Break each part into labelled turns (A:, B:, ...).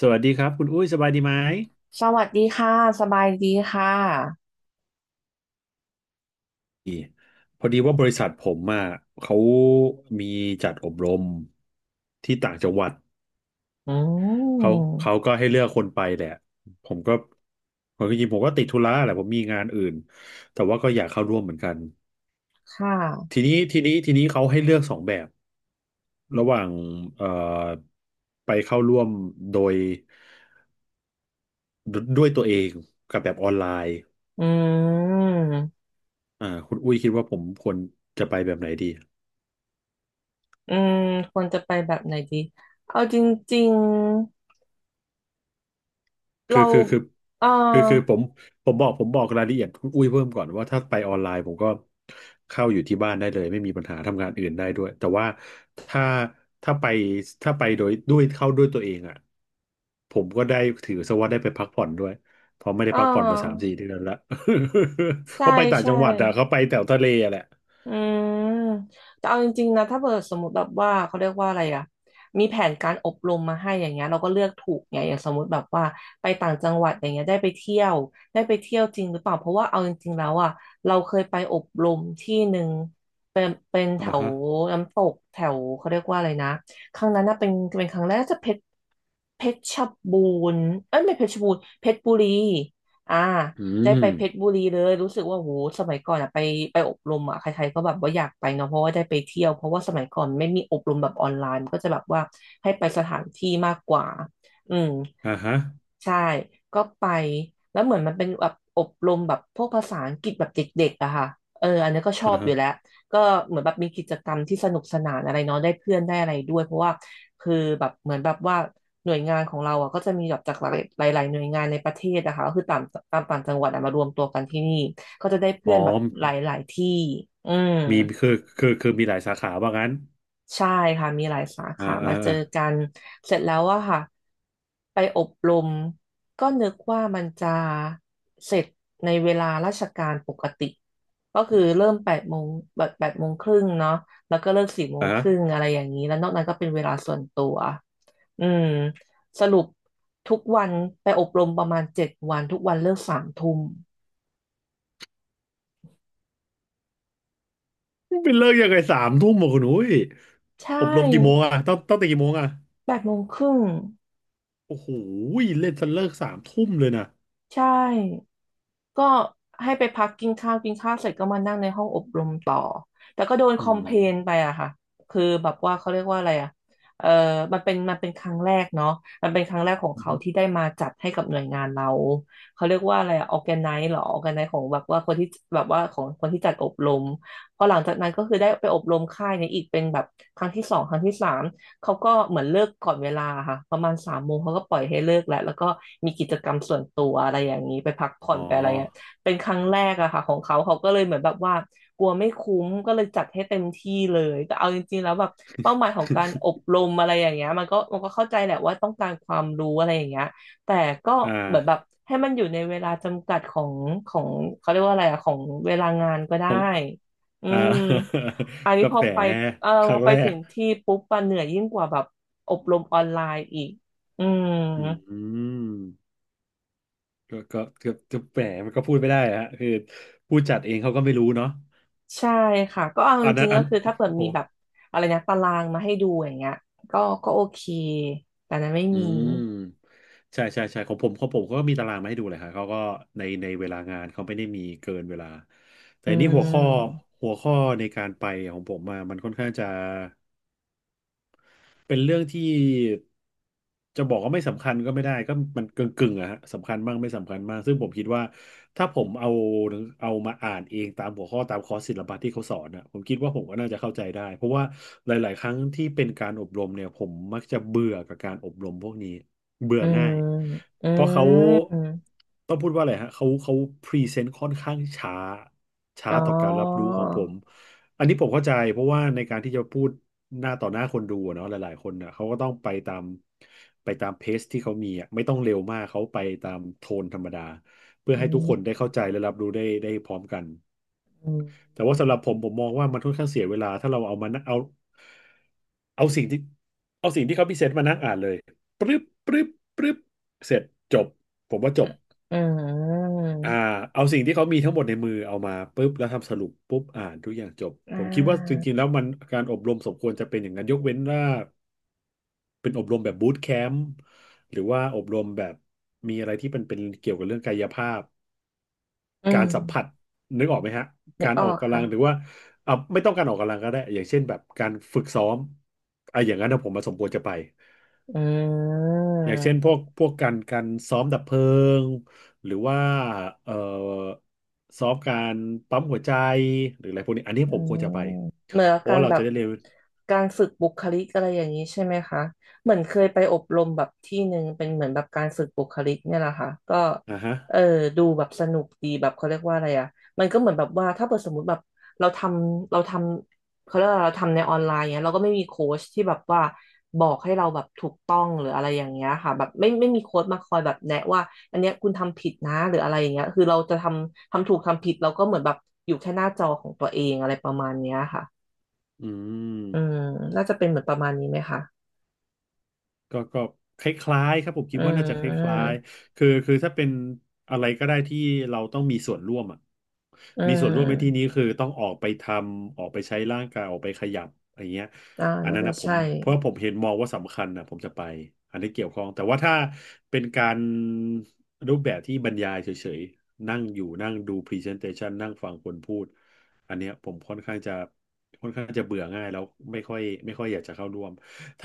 A: สวัสดีครับคุณอุ้ยสบายดีไหม
B: สวัสดีค่ะ สบายดีค่ะ
A: พอดีว่าบริษัทผมอ่ะเขามีจัดอบรมที่ต่างจังหวัด
B: อื
A: เขาเขา
B: ม
A: ก็ให้เลือกคนไปแหละผมก็ผมจริงๆผมก็ติดธุระแหละผมมีงานอื่นแต่ว่าก็อยากเข้าร่วมเหมือนกัน
B: ค่ะ
A: ทีนี้เขาให้เลือกสองแบบระหว่างเอ่อไปเข้าร่วมโดยด้วยตัวเองกับแบบออนไลน์
B: อืม
A: อ่าคุณอุ้ยคิดว่าผมควรจะไปแบบไหนดี
B: อืมควรจะไปแบบไหนดี เอาจริงๆ
A: คือ
B: เรา
A: คือคือ
B: เออ
A: คือผมบอกผมบอกรายละเอียดคุณอุ้ยเพิ่มก่อนว่าถ้าไปออนไลน์ผมก็เข้าอยู่ที่บ้านได้เลยไม่มีปัญหาทำงานอื่นได้ด้วยแต่ว่าถ้าถ้าไปถ้าไปโดยด้วยเข้าด้วยตัวเองอ่ะผมก็ได้ถือซะว่าได้ไปพักผ่อนด้วยเพราะไม่
B: เ
A: ได้พักผ่อนมาสาม
B: ออ
A: สี่เดือนละ เพ
B: ใช่
A: ราะไปต่าง
B: ใช่
A: จังหวัดอ่ะเขาไปแถวทะเลอะแหละ
B: อืมแต่เอาจริงๆนะถ้าเกิดสมมติแบบว่าเขาเรียกว่าอะไรอะมีแผนการอบรมมาให้อย่างเงี้ยเราก็เลือกถูกไงอย่างสมมติแบบว่าไปต่างจังหวัดอย่างเงี้ยได้ไปเที่ยวได้ไปเที่ยวจริงหรือเปล่าเพราะว่าเอาจริงๆแล้วอะเราเคยไปอบรมที่หนึ่งเป็นแถ
A: อ่า
B: ว
A: ฮะ
B: น้ำตกแถวเขาเรียกว่าอะไรนะครั้งนั้นน่ะเป็นเป็นครั้งแรกน่าจะเพชรเพชรบูรณ์เอ้ยไม่เพชรบูรณ์เพชรบุรีอ่า
A: อื
B: ได้ไป
A: ม
B: เพชรบุรีเลยรู้สึกว่าโหสมัยก่อนอะไปไปอบรมอะใครๆก็แบบว่าอยากไปเนาะเพราะว่าได้ไปเที่ยวเพราะว่าสมัยก่อนไม่มีอบรมแบบออนไลน์มันก็จะแบบว่าให้ไปสถานที่มากกว่าอืม
A: อ่าฮะ
B: ใช่ ก็ไปแล้วเหมือนมันเป็นแบบอบรมแบบพวกภาษาอังกฤษแบบเด็กๆอะค่ะเอออันนี้ก็ชอ
A: อ่า
B: บอ
A: ฮะ
B: ยู่แล้ว ก็เหมือนแบบมีกิจกรรมที่สนุกสนานอะไรเนาะได้เพื่อนได้อะไรด้วย เพราะว่าคือแบบเหมือนแบบว่าหน่วยงานของเราอะก็จะมีแบบจากหลายหลายๆหน่วยงานในประเทศนะคะก็คือตามต่างจังหวัดอะมารวมตัวกันที่นี่ก็จะได้
A: อ๋
B: เพื่
A: อ
B: อนแบบหลายๆที่อืม
A: มีคือคือมีหลายสาขาว่างั้น
B: ใช่ค่ะมีหลายสา
A: อ่า
B: ขา
A: อ่า
B: มาเจอ
A: อ่า
B: กันเสร็จแล้วอะค่ะไปอบรมก็นึกว่ามันจะเสร็จในเวลาราชการปกติก็คือเริ่มแปดโมงแบบแปดโมงครึ่งเนาะแล้วก็เลิกสี่โมง
A: อ่า
B: ครึ่งอะไรอย่างนี้แล้วนอกนั้นก็เป็นเวลาส่วนตัวอืมสรุปทุกวันไปอบรมประมาณเจ็ดวันทุกวันเลิกสามทุ่ม
A: เป็นเลิกยังไงสามทุ่มอ่ะคุณอุ้ย
B: ใช่
A: อบรมกี่โมงอ่ะต้องตีกี่โมงอ่ะ
B: แปดโมงครึ่ง
A: โอ้โหเล่นจนเลิกสามทุ่มเลยนะ
B: ใช่ ก็ให้ไปพักกินข้าวกินข้าวเสร็จก็มานั่งในห้องอบรมต่อแต่ก็โดนค
A: อื
B: อมเพลนไป
A: ม
B: อะค่ะคือแบบว่าเขาเรียกว่าอะไรอะเออมันเป็นครั้งแรกเนาะมันเป็นครั้งแรกของ
A: อือ
B: เขา
A: ฮึ
B: ที่ได้มาจัดให้กับหน่วยงานเราเขาเรียกว่าอะไรออร์แกไนซ์หรอออร์แกไนซ์ของแบบว่าคนที่แบบว่าของคนที่จัดอบรมพอหลังจากนั้นก็คือได้ไปอบรมค่ายนี้อีกเป็นแบบครั้งที่สองครั้งที่สาม เขาก็เหมือนเลิกก่อนเวลาค่ะประมาณสามโมงเขาก็ปล่อยให้เลิกแล้วแล้วก็มีกิจกรรมส่วนตัวอะไรอย่างนี้ไปพักผ่อ
A: อ๋
B: น
A: อ
B: ไปอะไรเงี้ยเป็นครั้งแรกอะค่ะของเขาเขาก็เลยเหมือนแบบว่ากลัวไม่คุ้มก็เลยจัดให้เต็มที่เลยแต่เอาจริงๆแล้วแบบเป้าหมายของการอ บรมอะไรอย่างเงี้ยมันก็เข้าใจแหละว่าต้องการความรู้อะไรอย่างเงี้ยแต่ก็
A: อ่
B: เหมือนแบบ
A: า
B: ให้มันอยู่ในเวลาจำกัดของเขาเรียกว่าอะไรอะของเวลางานก็
A: ข
B: ได้
A: อง
B: อื
A: อ่า
B: ม อัน นี้
A: กา
B: พอ
A: แฟ
B: ไปเออ
A: ค
B: พ
A: รั้
B: อ
A: ง
B: ไป
A: แร
B: ถึ
A: ก
B: งที่ปุ๊บมันเหนื่อยยิ่งกว่าแบบอบรมออนไลน์อีกอืม
A: อืมก็แหมมันก็พูดไม่ได้ฮะคือผู้จัดเองเขาก็ไม่รู้เนาะ
B: ใช่ค่ะก็เอาจ
A: อันนั้
B: ริ
A: น
B: งๆ
A: อั
B: ก็
A: น
B: คือ
A: โอ้
B: ถ้าเปิด
A: โห
B: มีแบบอะไรนะตารางมาให้ดูอย่างเงี้ยก็โอเคแต่นั้นไม่
A: อื
B: มี
A: มใช่ใช่ใช่ของผมเขาก็มีตารางมาให้ดูเลยครับเขาก็ในเวลางานเขาไม่ได้มีเกินเวลาแต่
B: อื
A: นี่หัวข้อ
B: ม
A: หัวข้อในการไปของผมมามันค่อนข้างจะ เป็นเรื่องที่จะบอกว่าไม่สำคัญก็ไม่ได้ก็มันกึ่งอะฮะสำคัญบ้างไม่สำคัญบ้างซึ่งผมคิดว่าถ้าผมเอามาอ่านเองตามหัวข้อตามคอร์สศิลปะที่เขาสอนอะผมคิดว่าผมก็น่าจะเข้าใจได้เพราะว่าหลายๆครั้งที่เป็นการอบรมเนี่ยผมมักจะเบื่อกับการอบรมพวกนี้เบื่อ
B: อืม
A: ง่าย
B: อื
A: เพราะเขา
B: ม
A: ต้องพูดว่าอะไรฮะเขาพรีเซนต์ค่อนข้างช้า ช้า
B: อ๋อ
A: ต่อการรับรู้ของผม อันนี้ผมเข้าใจเพราะว่าในการที่จะพูดหน้าต่อหน้าคนดูอะเนาะหลายๆคนน่ะเขาก็ต้องไปตามไปตามเพจที่เขามีอ่ะไม่ต้องเร็วมากเขาไปตามโทนธรรมดาเพื่อ
B: อื
A: ให้ทุกคน
B: ม
A: ได้เข้าใจและรับรู้ได้พร้อมกัน
B: อืม
A: แต่ว่าสำหรับผมผมมองว่ามันค่อนข้างเสียเวลาถ้าเราเอามานั่งเอาเอาสิ่งที่เอาสิ่งที่เขาพิเศษมานั่งอ่านเลยปรึ๊บปรึ๊บปรึ๊บเสร็จจบผมว่าจบ
B: อืม
A: อ่าเอาสิ่งที่เขามีทั้งหมดในมือเอามาปุ๊บแล้วทำสรุปปุ๊บอ่านทุกอย่างจบ
B: อ่
A: ผมคิดว่าจ
B: า
A: ริงๆแล้วมันการอบรมสมควรจะเป็นอย่างนั้นยกเว้นว่าเป็นอบรมแบบบูตแคมป์หรือว่าอบรมแบบมีอะไรที่มันเป็นเกี่ยวกับเรื่องกายภาพ
B: อื
A: การ
B: ม
A: สัมผัสนึกออกไหมฮะ
B: นึ
A: กา
B: ก
A: ร
B: อ
A: ออ
B: อ
A: ก
B: ก
A: กำลั
B: ค่ะ
A: งหรือว่าอ่าไม่ต้องการออกกำลังก็ได้อย่างเช่นแบบการฝึกซ้อมอ่ะอย่างนั้นนะผมมาสมควรจะไป
B: อื
A: อย่างเช่นพ
B: ม
A: วกพวกการซ้อมดับเพลิงหรือว่าเอ่อซ้อมการปั๊มหัวใจหรืออะไรพวกนี้อันนี้
B: อื
A: ผมควร
B: ม
A: จะไป
B: เหมือน
A: เพราะ
B: กา
A: ว่า
B: ร
A: เรา
B: แบ
A: จะ
B: บ
A: ได้เรียน
B: การฝึกบุคลิกอะไรอย่างนี้ใช่ไหมคะเหมือนเคยไปอบรมแบบที่หนึ่งเป็นเหมือนแบบการฝึกบุคลิกเนี่ยแหละค่ะก็
A: อ่าฮะ
B: เออดูแบบสนุกดีแบบเขาเรียกว่าอะไรอ่ะมันก็เหมือนแบบว่าถ้าเกิดสมมติแบบเราทเราทำเขาเรียกว่าเราทำในออนไลน์เนี่ยเราก็ไม่มีโค้ชที่แบบว่าบอกให้เราแบบถูกต้องหรืออะไรอย่างเงี้ยค่ะแบบไม่มีโค้ชมาคอยแบบแนะว่า อันเนี้ยคุณทำผิดนะหรืออะไรอย่างเงี้ยคือเราจะทำถูกทำผิดเราก็เหมือนแบบอยู่แค่หน้าจอของตัวเองอะไรประมาณเนี้ยค่ะ
A: อื
B: อื
A: ม
B: มน่าจะเป็นเหมือนประมาณนี้ไหมคะ
A: ก็คล้ายๆครับผมคิ
B: อื
A: ดว่าน่าจะคล้าย
B: ม
A: ๆคือถ้าเป็นอะไรก็ได้ที่เราต้องมีส่วนร่วมอ่ะ
B: อื
A: มีส่วนร่วมในที่นี้
B: ม
A: คือต้องออกไปทำออกไปใช้ร่างกายออกไปขยับอะไรเงี้ย
B: อ่า
A: อัน
B: น่า
A: นั้น
B: จะ
A: นะผม
B: ใช่
A: เพราะผมเห็นมองว่าสำคัญนะผมจะไปอันนี้เกี่ยวข้องแต่ว่าถ้าเป็นการรูปแบบที่บรรยายเฉยๆนั่งอยู่นั่งดู presentation นั่งฟังคนพูดอันเนี้ยผมค่อนข้างจะเบื่อง่ายแล้วไม่ค่อยอยากจะเข้าร่วม ถ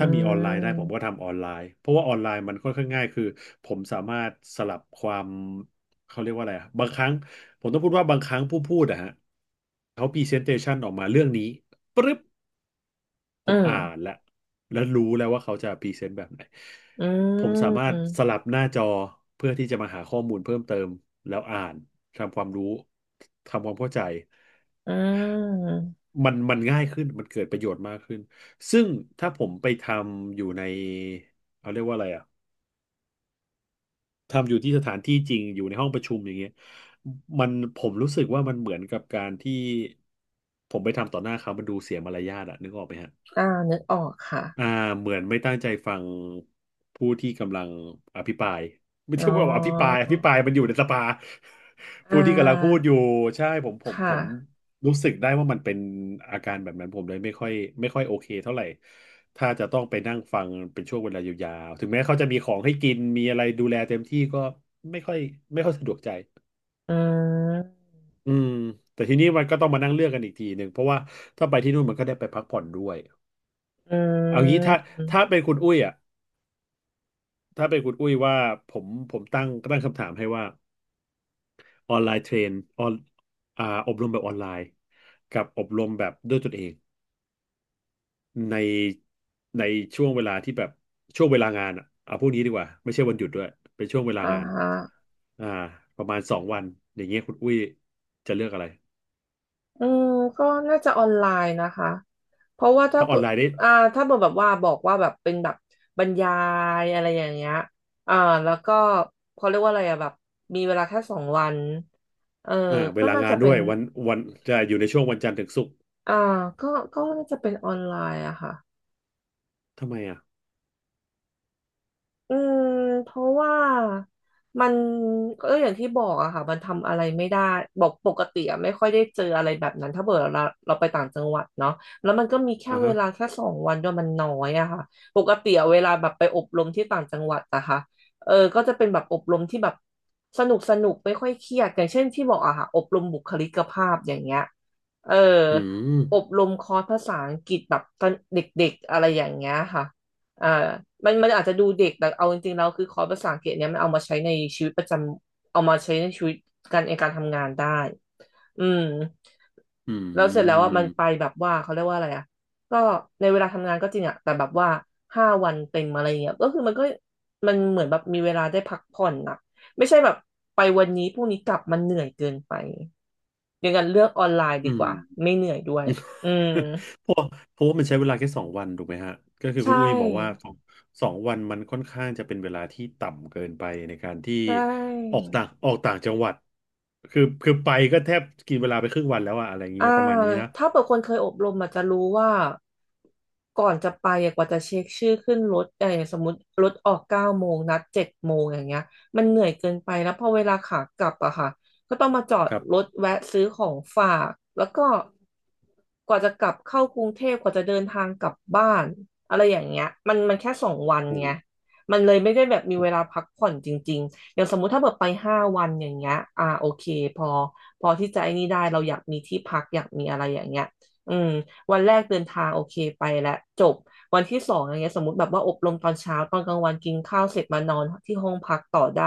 B: อื
A: ้ามีออนไลน์ได้ผมก็
B: ม
A: ทำออนไลน์เพราะว่าออนไลน์มันค่อนข้างง่ายคือผมสามารถสลับความเขาเรียกว่าอะไรอะบางครั้งผมต้องพูดว่าบางครั้งผู้พูดอะฮะเขาพรีเซนเ t ชันออกมาเรื่องนี้ปึ๊บ ผ
B: อื
A: ม
B: ม
A: อ่านแล้วแล้วรู้แล้วว่าเขาจะพรีเซนต์แบบไหน
B: อื
A: ผมสามารถส
B: ม
A: ลับหน้าจอเพื่อที่จะมาหาข้อมูลเพิ่มเติมแล้วอ่านทำความรู้ทำความเข้าใจ
B: อืม
A: มันง่ายขึ้นมันเกิดประโยชน์มากขึ้นซึ่งถ้าผมไปทำอยู่ในเขาเรียกว่าอะไรอ่ะทำอยู่ที่สถานที่จริงอยู่ในห้องประชุมอย่างเงี้ยมันผมรู้สึกว่ามันเหมือนกับการที่ผมไปทำต่อหน้าเขามันดูเสียมารยาทอะนึกออกไหมฮะ
B: อ่านึกออกค่ะ
A: อ่าเหมือนไม่ตั้งใจฟังผู้ที่กำลังอภิปราย ไม่
B: อ๋
A: ใช่
B: อ
A: ว่าอภิปรายอภิปรายมันอยู่ในสภา
B: อ่
A: ผู้ที่กำลังพูด
B: า
A: อยู่ใช่ผมผม
B: ค่ะ
A: ผมรู้สึกได้ว่ามันเป็นอาการแบบนั้นผมเลยไม่ค่อยโอเคเท่าไหร่ถ้าจะต้องไปนั่งฟังเป็นช่วงเวลายาวๆถึงแม้เขาจะมีของให้กินมีอะไรดูแลเต็มที่ก็ไม่ค่อยไม่ค่อยสะดวกใจ
B: อืม
A: อืมแต่ทีนี้มันก็ต้องมานั่งเลือกกันอีกทีหนึ่งเพราะว่าถ้าไปที่นู่นมันก็ได้ไปพักผ่อนด้วย
B: อื
A: เอางี้ถ้า
B: ม
A: ถ้าเป็นคุณอุ้ยอ่ะ ถ้าเป็นคุณอุ้ยว่าผมตั้งคำถามให้ว่าออนไลน์เทรนออนอ่าอบรมแบบออนไลน์กับอบรมแบบด้วยตนเองในในช่วงเวลาที่แบบช่วงเวลางานอ่ะเอาพวกนี้ดีกว่าไม่ใช่วันหยุดด้วยเป็นช่วงเวลา
B: อ่า
A: งาน
B: ฮะ
A: อ่าประมาณสองวันอย่างเงี้ยคุณอุ้ยจะเลือกอะไร
B: อืมก็น่าจะออนไลน์นะคะเพราะว่าถ้า
A: ถ้าอ
B: เปิ
A: อน
B: ด
A: ไลน์ได้
B: อ่าถ้าเปิดแบบว่าบอกว่าแบบเป็นแบบบรรยายอะไรอย่างเงี้ยอ่าแล้วก็เขาเรียกว่าอะไรอะแบบมีเวลาแค่สองวันเออ
A: เว
B: ก็
A: ลา
B: น่า
A: งา
B: จะ
A: น
B: เป็
A: ด้
B: น
A: วยวันจะอยู่ในช่วงวันจันทร์ถึงศุกร์
B: อ่าก็ก็น่าจะเป็นออนไลน์อะค่ะ
A: ทำไมอ่ะ
B: อืมเพราะว่ามันก็อย่างที่บอกอะค่ะมันทำอะไรไม่ได้บอกปกติอะไม่ค่อยได้เจออะไรแบบนั้นถ้าเกิดเราไปต่างจังหวัดเนาะแล้วมันก็มีแค่
A: อ่า
B: เว
A: ฮะ
B: ลาแค่สองวันด้วยมันน้อยอะค่ะปกติอะเวลาแบบไปอบรมที่ต่างจังหวัดอะค่ะเออก็จะเป็นแบบอบรมที่แบบสนุกสนุกไม่ค่อยเครียดอย่างเช่นที่บอกอะค่ะอบรมบุคลิกภาพอย่างเงี้ยเออ
A: อืม
B: อบรมคอร์สภาษาอังกฤษแบบตอนเด็กๆอะไรอย่างเงี้ยค่ะ อ่ามันอาจจะดูเด็กแต่เอาจริงๆแล้วคือคอร์สภาษาอังกฤษเนี่ยมันเอามาใช้ในชีวิตประจำเอามาใช้ในชีวิตการในการทำงานได้อืม
A: อื
B: แล้วเสร็จแล้วอ่ะมันไป
A: ม
B: แบบว่าเขาเรียกว่าอะไรอ่ะก็ในเวลาทำงานก็จริงอ่ะแต่แบบว่าห้าวันเต็มอะไรเงี้ยก็คือมันก็มันเหมือนแบบมีเวลาได้พักผ่อนอ่ะไม่ใช่แบบไปวันนี้พรุ่งนี้กลับมันเหนื่อยเกินไปอย่างนั้นเลือกออนไลน์
A: อื
B: ดีก
A: ม
B: ว่าไม่เหนื่อยด้วยอืม
A: เพราะเพราะว่ามันใช้เวลาแค่สองวันถูกไหมฮะก็คือ
B: ใช
A: คุณอุ้ยบอกว่า
B: ่
A: สองวันมันค่อนข้างจะเป็นเวลาที่ต่ำเกินไปในการที่
B: ใช่
A: ออกต่างจังหวัดคือไปก็แทบกินเวลาไปครึ่งวันแล้วอะอะไรอย่างเงี้
B: อ่า
A: ยประมาณนี้นะ
B: ถ้าเปิดคนเคยอบรมอาจจะรู้ว่าก่อนจะไปอะกว่าจะเช็คชื่อขึ้นรถเออสมมติรถออก9 โมงนัด7 โมงอย่างเงี้ยมันเหนื่อยเกินไปแล้วพอเวลาขากลับอะค่ะก็ต้องมาจอด
A: ครั
B: ร
A: บ
B: ถแวะซื้อของฝากแล้วก็กว่าจะกลับเข้ากรุงเทพกว่าจะเดินทางกลับบ้านอะไรอย่างเงี้ยมันแค่สองวัน
A: อื
B: ไง
A: ม
B: มันเลยไม่ได้แบบมีเวลาพักผ่อนจริงๆ อย่างสมมุติถ้าแบบไป5 วันอย่างเงี้ยอ่าโอเคพอพอที่จะไอ้นี่ได้เราอยากมีที่พักอยากมีอะไรอย่างเงี้ยอืมวันแรกเดินทางโอเคไปแล้วจบวันที่สองอย่างเงี้ยสมมติแบบว่าอบรมตอนเช้าตอนกลางวันกินข้าวเสร็จมานอนที่ห้องพักต่อได้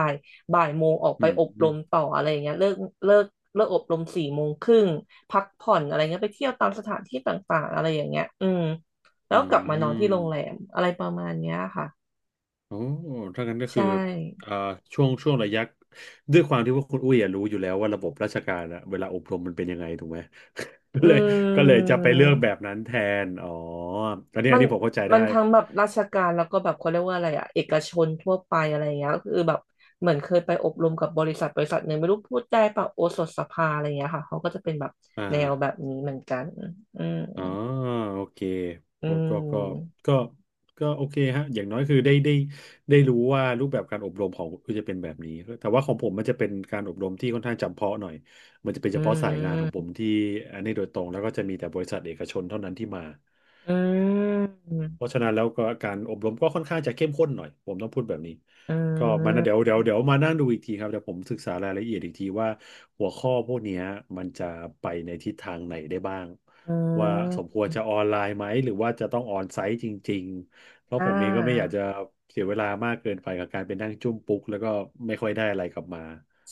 B: บ่ายโมงออกไป
A: อื
B: อบร
A: ม
B: มต่ออะไรอย่างเงี้ยเลิกเลิกอบรม4 โมงครึ่งพักผ่อนอะไรเงี้ยไปเที่ยวตามสถานที่ต่างๆอะไรอย่างเงี้ยอืมแล้
A: อื
B: วกลับมานอนที่โรงแร
A: ม
B: มอะไรประมาณเนี้ยค่ะ
A: โอ้ถ้างั้นก็
B: ใช่
A: คือเอ่อช่วงระยะด้วยความที่ว่าคุณอุ้ยอะรู้อยู่แล้วว่าระบบราชการอะเวลาอบรมมันเป็นยังไงถูกไหม ก็
B: อ
A: เลยก็
B: ื
A: เลยจะไปเลือกแบ
B: ม
A: บนั้นแทนอ๋ออันนี้
B: มั
A: อัน
B: น
A: นี้ผมเข้าใจ
B: มั
A: ได้
B: นทั้งแบบราชการแล้วก็แบบเขาเรียกว่าอะไรอะเอกชนทั่วไปอะไรอย่างเงี้ยก็คือแบบเหมือนเคยไปอบรมกับบริษัทบริษัทหนึ่งไม่รู้พูดได้ปะโอสถสภาอะไรอย่างเงี้ยค่ะเขาก็จะเป็นแบบ
A: อ่
B: แนวแบบ
A: า
B: นี้เหมือนกันอืม
A: อ๋อโอเค
B: อื
A: ก็ก็ก็
B: ม
A: ก็ก็โอเคฮะอย่างน้อยคือได้รู้ว่ารูปแบบการอบรมของคุณจะเป็นแบบนี้แต่ว่าของผมมันจะเป็นการอบรมที่ค่อนข้างจำเพาะหน่อยมันจะเป็น
B: อื
A: เฉพาะสายงานของผ
B: ม
A: มที่อันนี้โดยตรงแล้วก็จะมีแต่บริษัทเอกชนเท่านั้นที่มา
B: อืม
A: เพราะฉะนั้นแล้วก็การอบรมก็ค่อนข้างจะเข้มข้นหน่อยผมต้องพูดแบบนี้
B: อื
A: ก็มานะเดี๋ยว
B: ม
A: เดี๋ยวเดี๋ยวมานั่งดูอีกทีครับเดี๋ยวผมศึกษารายละเอียดอีกทีว่าหัวข้อพวกเนี้ยมันจะไปในทิศทางไหนได้บ้าง
B: อื
A: ว่าสม
B: ม
A: ควรจะออนไลน์ไหมหรือว่าจะต้องออนไซต์จริงๆเพราะ
B: อ่
A: ผมเองก็ไม่อยาก
B: า
A: จะเสียเวลามากเกินไปกับการไปนั่งจุ้มปุ๊กแล้วก็ไม่ค่อยได้อะไรกลับมา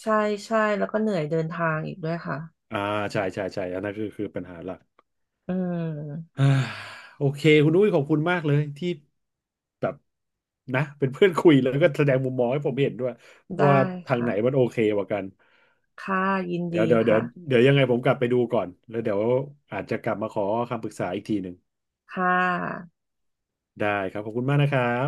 B: ใช่ใช่แล้วก็เหนื่อยเดินทางอีกด้วยค่ะ
A: อ่าใช่ใช่ใช่อันนั้นคือปัญหาหลัก
B: อื ม
A: อ่าโอเคคุณอุ้ยขอบคุณมากเลยที่ แบบนะเป็นเพื่อนคุยแล้วก็แสดงมุมมองให้ผมเห็นด้วยว่า
B: ได้
A: ทางไห
B: ค่ะ
A: นมันโอเคกว่ากัน
B: ค่ะยิน
A: เดี๋ยว
B: ดี
A: เดี๋ยวเดี๋ย
B: ค่ะ
A: วเดี๋ยวยังไงผมกลับไปดูก่อนแล้วเดี๋ยวอาจจะกลับมาขอคำปรึกษาอีกทีหนึ่ง
B: ค่ะ
A: ได้ครับขอบคุณมากนะครับ